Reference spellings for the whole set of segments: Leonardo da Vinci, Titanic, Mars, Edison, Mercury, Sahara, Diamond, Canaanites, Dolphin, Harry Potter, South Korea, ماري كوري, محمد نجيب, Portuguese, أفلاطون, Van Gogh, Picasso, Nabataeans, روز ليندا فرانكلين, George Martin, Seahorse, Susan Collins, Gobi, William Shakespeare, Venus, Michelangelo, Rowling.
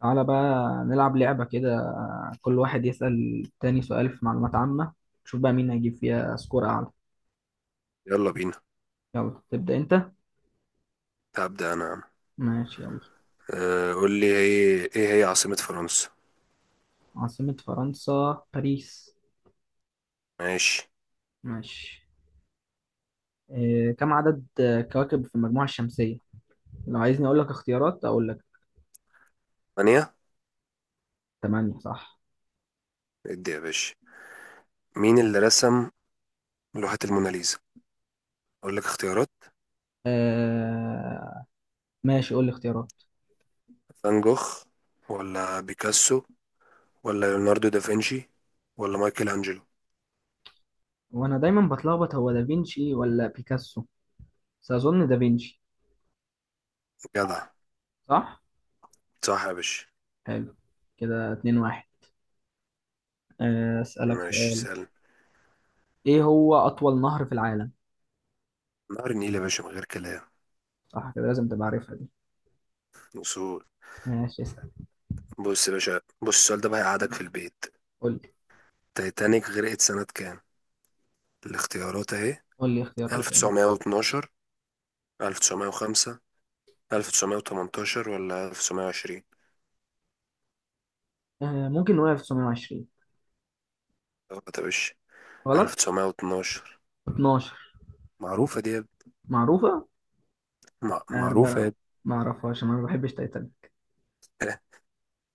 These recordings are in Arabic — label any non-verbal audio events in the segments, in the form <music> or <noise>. تعالى بقى نلعب لعبة كده. كل واحد يسأل التاني سؤال في معلومات عامة. نشوف بقى مين هيجيب فيها سكور أعلى. يلا بينا. يلا تبدأ أنت. هبدأ أنا يا عم. ماشي يلا. قول لي إيه هي عاصمة فرنسا؟ عاصمة فرنسا باريس. ماشي. ماشي. إيه كم عدد كواكب في المجموعة الشمسية؟ لو عايزني أقول لك اختيارات أقول لك. ثانية. تمانية صح. ادي يا باشا. مين اللي رسم لوحة الموناليزا؟ أقول لك اختيارات: آه ماشي، قول لي اختيارات. فان جوخ، ولا بيكاسو، ولا ليوناردو دافنشي، ولا مايكل أنجلو؟ وأنا دايما بتلخبط هو دافينشي ولا بيكاسو، بس أظن دافينشي. جدع، صح. صح يا باشا. حلو، كده اتنين واحد. أسألك. ماشي، سهل. ايه هو اطول نهر في العالم؟ نهر النيل يا باشا من غير كلام. صح كده لازم تبقى عارفها دي. وصول. ماشي اسال. بص يا باشا، بص السؤال ده بقى هيقعدك في البيت. قول لي. تايتانيك غرقت سنة كام؟ الاختيارات أهي: قول لي اختيارات يعني. 1912، 1905، 1918، ولا 1920؟ ممكن نقول 1920. أه، طب إيش؟ غلط. 1912. 12. معروفة دي يا ابني. معروفه. عارف معروفة انا، يا ما اعرفهاش، انا ما بحبش تايتانيك. ابني.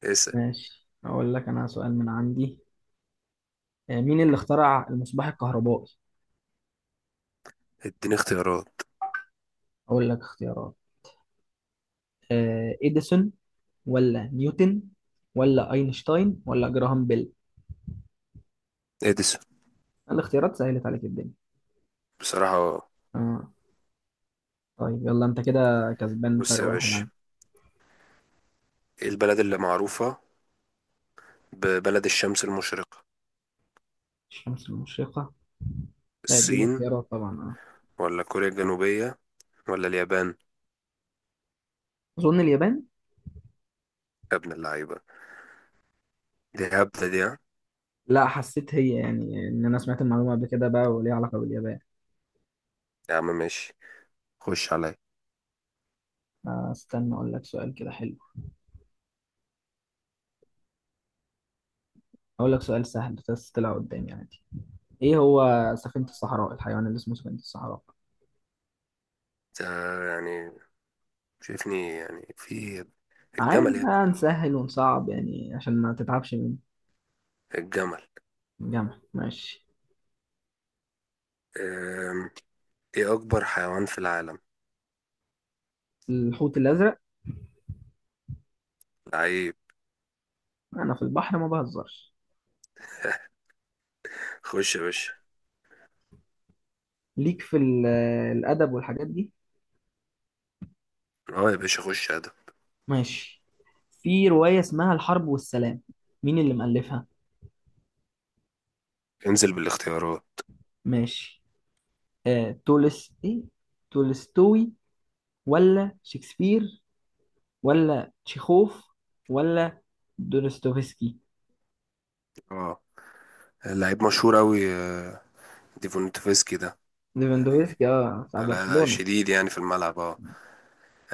<laughs> اسأل. ماشي، اقول لك انا سؤال من عندي. مين اللي اخترع المصباح الكهربائي؟ اديني اختيارات. اقول لك اختيارات. اديسون ولا نيوتن ولا اينشتاين ولا جراهام بيل. اديسون. الاختيارات سهلت عليك الدنيا. بصراحة. آه. طيب يلا، انت كده كسبان بص فرق يا واحد باشا، عنك. ايه البلد اللي معروفة ببلد الشمس المشرقة؟ الشمس المشرقة. لا اديني الصين، خيارات طبعا، اه. ولا كوريا الجنوبية، ولا اليابان؟ اظن اليابان. يا ابن اللعيبة، دي هبدة دي، ها؟ لا حسيت هي يعني ان انا سمعت المعلومه قبل كده بقى وليها علاقه باليابان. يا عم ماشي، خش عليا. استنى اقول لك سؤال كده حلو. اقول لك سؤال سهل بس طلع قدامي عادي. ايه هو سفينه الصحراء، الحيوان اللي اسمه سفينه الصحراء؟ انت يعني شايفني يعني في عادي الجمل يا ابني. بقى نسهل ونصعب يعني عشان ما تتعبش من الجمل. الجامعه. ماشي. أم، ايه أكبر حيوان في العالم؟ الحوت الازرق. لعيب. انا في البحر ما بهزرش. خش يا باشا. ليك في الادب والحاجات دي. اه يا باشا، خش يا ادم. ماشي. في روايه اسمها الحرب والسلام، مين اللي مؤلفها؟ انزل بالاختيارات. ماشي. آه، تولس ايه تولستوي ولا شكسبير ولا تشيخوف ولا دونستوفسكي. اه، لعيب مشهور اوي. ديفونتوفسكي ده يعني. ليفاندوفسكي، بتاع لا لا، برشلونة. شديد يعني في الملعب. اه،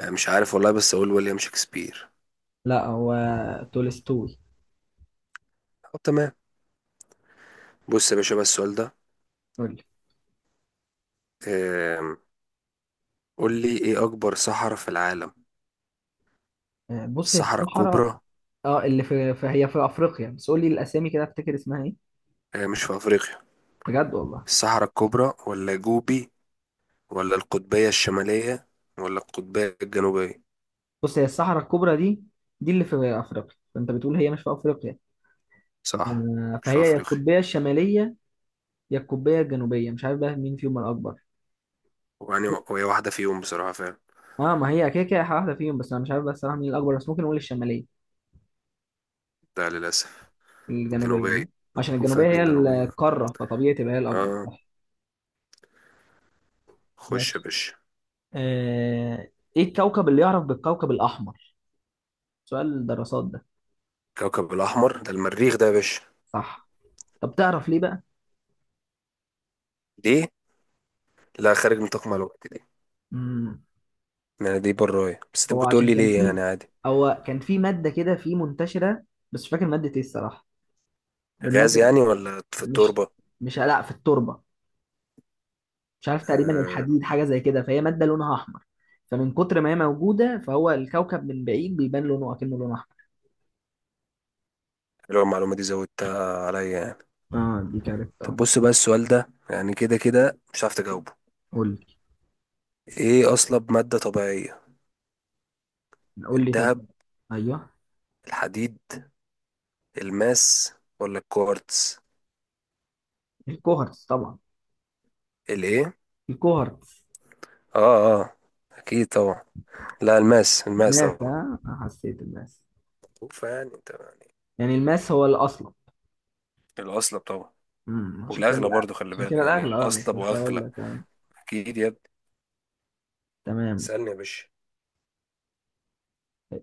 مش عارف والله، بس اقول ويليام شكسبير. لا هو تولستوي. طب تمام. بص يا باشا بقى السؤال ده. قول لي. آم، قول لي ايه اكبر صحراء في العالم؟ بص هي الصحراء الصحراء. الكبرى. اه اللي هي في افريقيا، بس قول لي الاسامي كده، افتكر اسمها ايه. مش في افريقيا؟ بجد والله؟ الصحراء الكبرى، ولا جوبي، ولا القطبية الشمالية، ولا القطبية الجنوبية؟ بص هي الصحراء الكبرى دي اللي في افريقيا، فانت بتقول هي مش في افريقيا. صح، مش في فهي يا افريقيا. القطبية الشمالية يا القطبية الجنوبية. مش عارف بقى مين فيهم الأكبر. ويعني وهي واحدة فيهم بصراحة فعلا. اه ما هي كده كده واحدة فيهم، بس انا مش عارف بس صراحة مين الأكبر، بس ممكن نقول الشمالية. لا للأسف، الجنوبية جنوبية. يعني، عشان معروفة يا الجنوبية ابني هي الجنوبية. القارة فطبيعي تبقى هي الأكبر، اه. صح. خش يا ماشي. باشا. آه... ايه الكوكب اللي يعرف بالكوكب الأحمر؟ سؤال الدراسات ده. كوكب الأحمر ده المريخ ده يا باشا. صح. طب تعرف ليه بقى؟ دي، لا خارج نطاق معلوماتي دي. مم. يعني دي براية، بس انت هو ممكن تقول عشان لي كان ليه يعني في عادي. هو كان في مادة كده في منتشرة. بس مش فاكر مادة ايه الصراحة، غاز المادة. يعني ولا في مش التربة؟ مش لا في التربة، مش عارف، تقريبا آه، الحديد حاجه زي كده فهي ماده لونها احمر. فمن كتر ما هي موجوده، فهو الكوكب من بعيد بيبان لونه اكنه لون احمر. حلوة المعلومة دي، زودتها عليا يعني. اه دي كاركت، طب اه. بص بقى السؤال ده، يعني كده كده مش عارف تجاوبه. قول لي. ايه أصلب مادة طبيعية؟ قول لي طب. الذهب، ايوه. الحديد، الماس، ولا الكوارتز؟ الكوهرتز طبعا. الايه؟ الكوهرتز. اه اه، اكيد طبعا. لا، الماس، الماس ماس، طبعا. حسيت الماس فيعني انت يعني يعني. الماس هو الاصل. الأصلب طبعا. عشان والأغلى كده برضو، خلي عشان بالك، كده يعني الاغلى، أصلب كنت هقول وأغلى. لك. أكيد يا ابني. تمام. سألني يا باشا.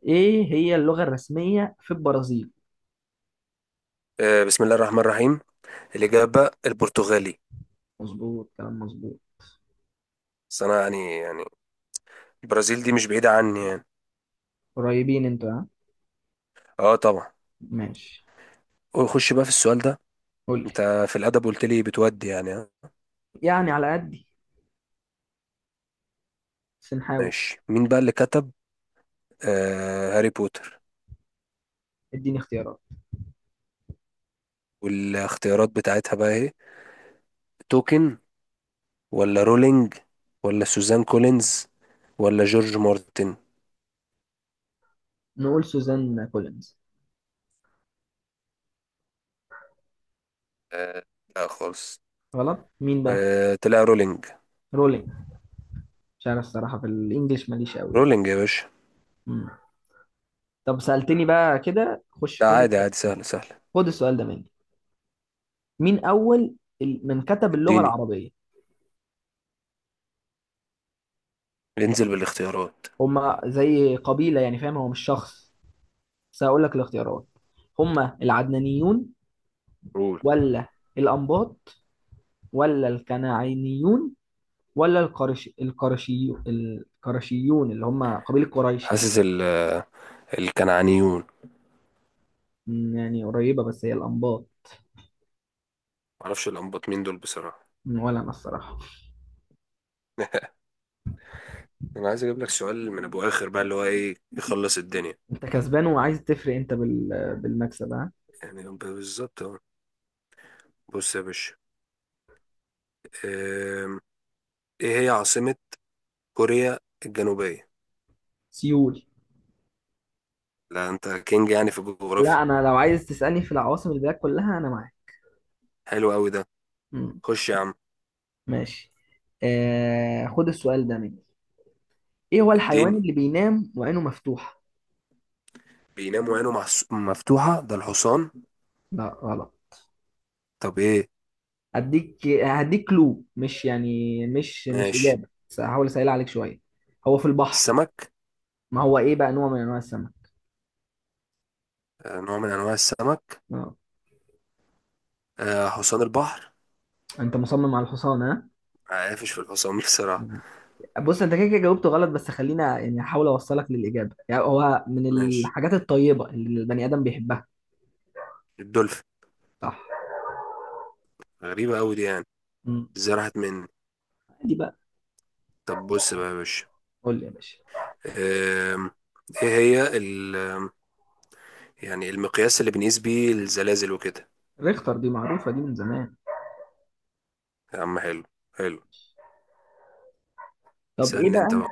ايه هي اللغه الرسميه في البرازيل؟ بسم الله الرحمن الرحيم. الإجابة البرتغالي. مظبوط، كلام مظبوط. بس أنا يعني البرازيل دي مش بعيدة عني يعني. قريبين انتوا ها. أه طبعا. ماشي. خش بقى في السؤال ده. قول لي. أنت في الأدب قلت لي بتودي يعني. يعني على قدي بس نحاول. ماشي مين بقى اللي كتب هاري بوتر؟ اديني اختيارات. والاختيارات بتاعتها بقى إيه؟ توكن، ولا رولينج، ولا سوزان كولينز، ولا جورج مارتن؟ نقول سوزان كولينز. آه، لا خالص. غلط؟ مين بقى؟ تلاقي رولينج. رولينج. مش عارف الصراحة، في الانجليش ماليش قوي يعني. رولينج يا باشا. مم. طب سألتني بقى كده، خش لا خد عادي السؤال. عادي، سهلة سهلة. خد السؤال ده مني. مين أول من كتب اللغة اديني. العربية؟ انزل بالاختيارات. هما زي قبيلة يعني فاهم، هو مش شخص. بس هقول لك الاختيارات. هما العدنانيون قول. ولا الأنباط ولا الكنعانيون ولا القرشيون اللي هما قبيلة قريش يعني. حاسس ال آه، الكنعانيون. مم، يعني قريبة بس هي الأنباط. معرفش الأنباط مين دول بصراحة. ولا انا الصراحه. أنا عايز أجيب لك سؤال من أبو آخر بقى، اللي هو إيه يخلص الدنيا. انت كسبان وعايز تفرق انت بالمكسب ها. يعني بالظبط أهو. بص يا باشا. آم، إيه هي عاصمة كوريا الجنوبية؟ سيول. لا أنت كينج يعني في لا الجغرافيا. انا لو عايز تسالني في العواصم البلاد كلها انا معاك. حلو أوي ده. مم. خش يا عم. ماشي. خد السؤال ده مني. ايه هو الحيوان اديني. اللي بينام وعينه مفتوحه؟ بيناموا عينه مفتوحة ده الحصان. لا غلط. طب إيه؟ هديك كلو مش يعني مش ماشي. اجابه، بس هحاول اسهل عليك شويه. هو في البحر. السمك. ما هو ايه بقى، نوع من انواع السمك. نوع من أنواع السمك. آه. حصان البحر. انت مصمم على الحصان ها. عارفش في الحصان <laughs> بصراحة. بص انت كده كده جاوبته غلط، بس خلينا يعني احاول اوصلك للاجابه، يعني هو من ماشي. الحاجات الطيبه اللي البني ادم بيحبها. الدولفين. صح. غريبة أوي دي يعني، مم. ازاي راحت مني. دي بقى. طب بص بقى يا باشا. قول لي يا باشا. آم، ايه هي ال آم، يعني المقياس اللي بنقيس بيه الزلازل وكده؟ ريختر، دي معروفه دي من زمان. يا عم حلو، حلو. طب ايه سألني بقى؟ انت بقى.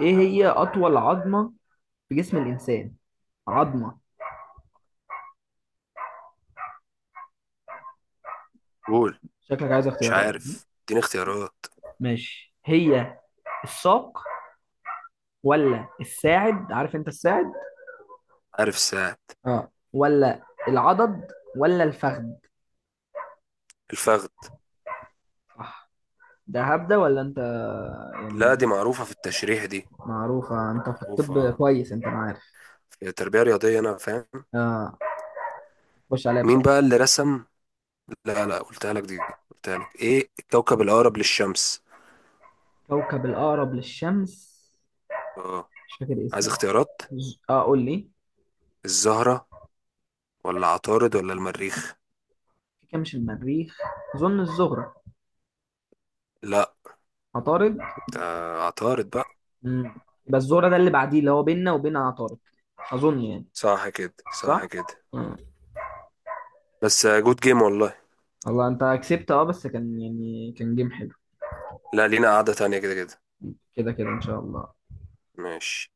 ايه هي اطول عظمه في جسم الانسان؟ عظمه. قول. شكلك عايز مش اختيارات. عارف، اديني اختيارات. ماشي، هي الساق ولا الساعد، عارف انت الساعد. عارف الساعة. اه ولا العضد ولا الفخذ. الفخذ. صح. ده هبده ولا انت يعني؟ لا دي معروفة في التشريح دي. معروفه، انت في الطب معروفة كويس انت معايا. في التربية الرياضية، أنا فاهم. اه، خش عليا مين بسرعة. بقى اللي رسم لا لا، قلتها لك دي، قلتها لك ايه الكوكب الاقرب للشمس. كوكب الأقرب للشمس. اه، مش فاكر عايز اسمه. اختيارات. قول لي. الزهرة، ولا عطارد، ولا المريخ؟ في كام، مش المريخ. أظن الزهرة. لا عطارد. ده. عطارد بقى. مم. يبقى الزهرة ده اللي بعديه اللي هو بيننا وبين عطارد، أظن يعني. صح كده، صح صح؟ كده. مم. بس جود جيم والله. والله أنت كسبت. اه بس كان يعني كان جيم حلو. لا لينا قعدة تانية كده كده. كده كده إن شاء الله. ماشي.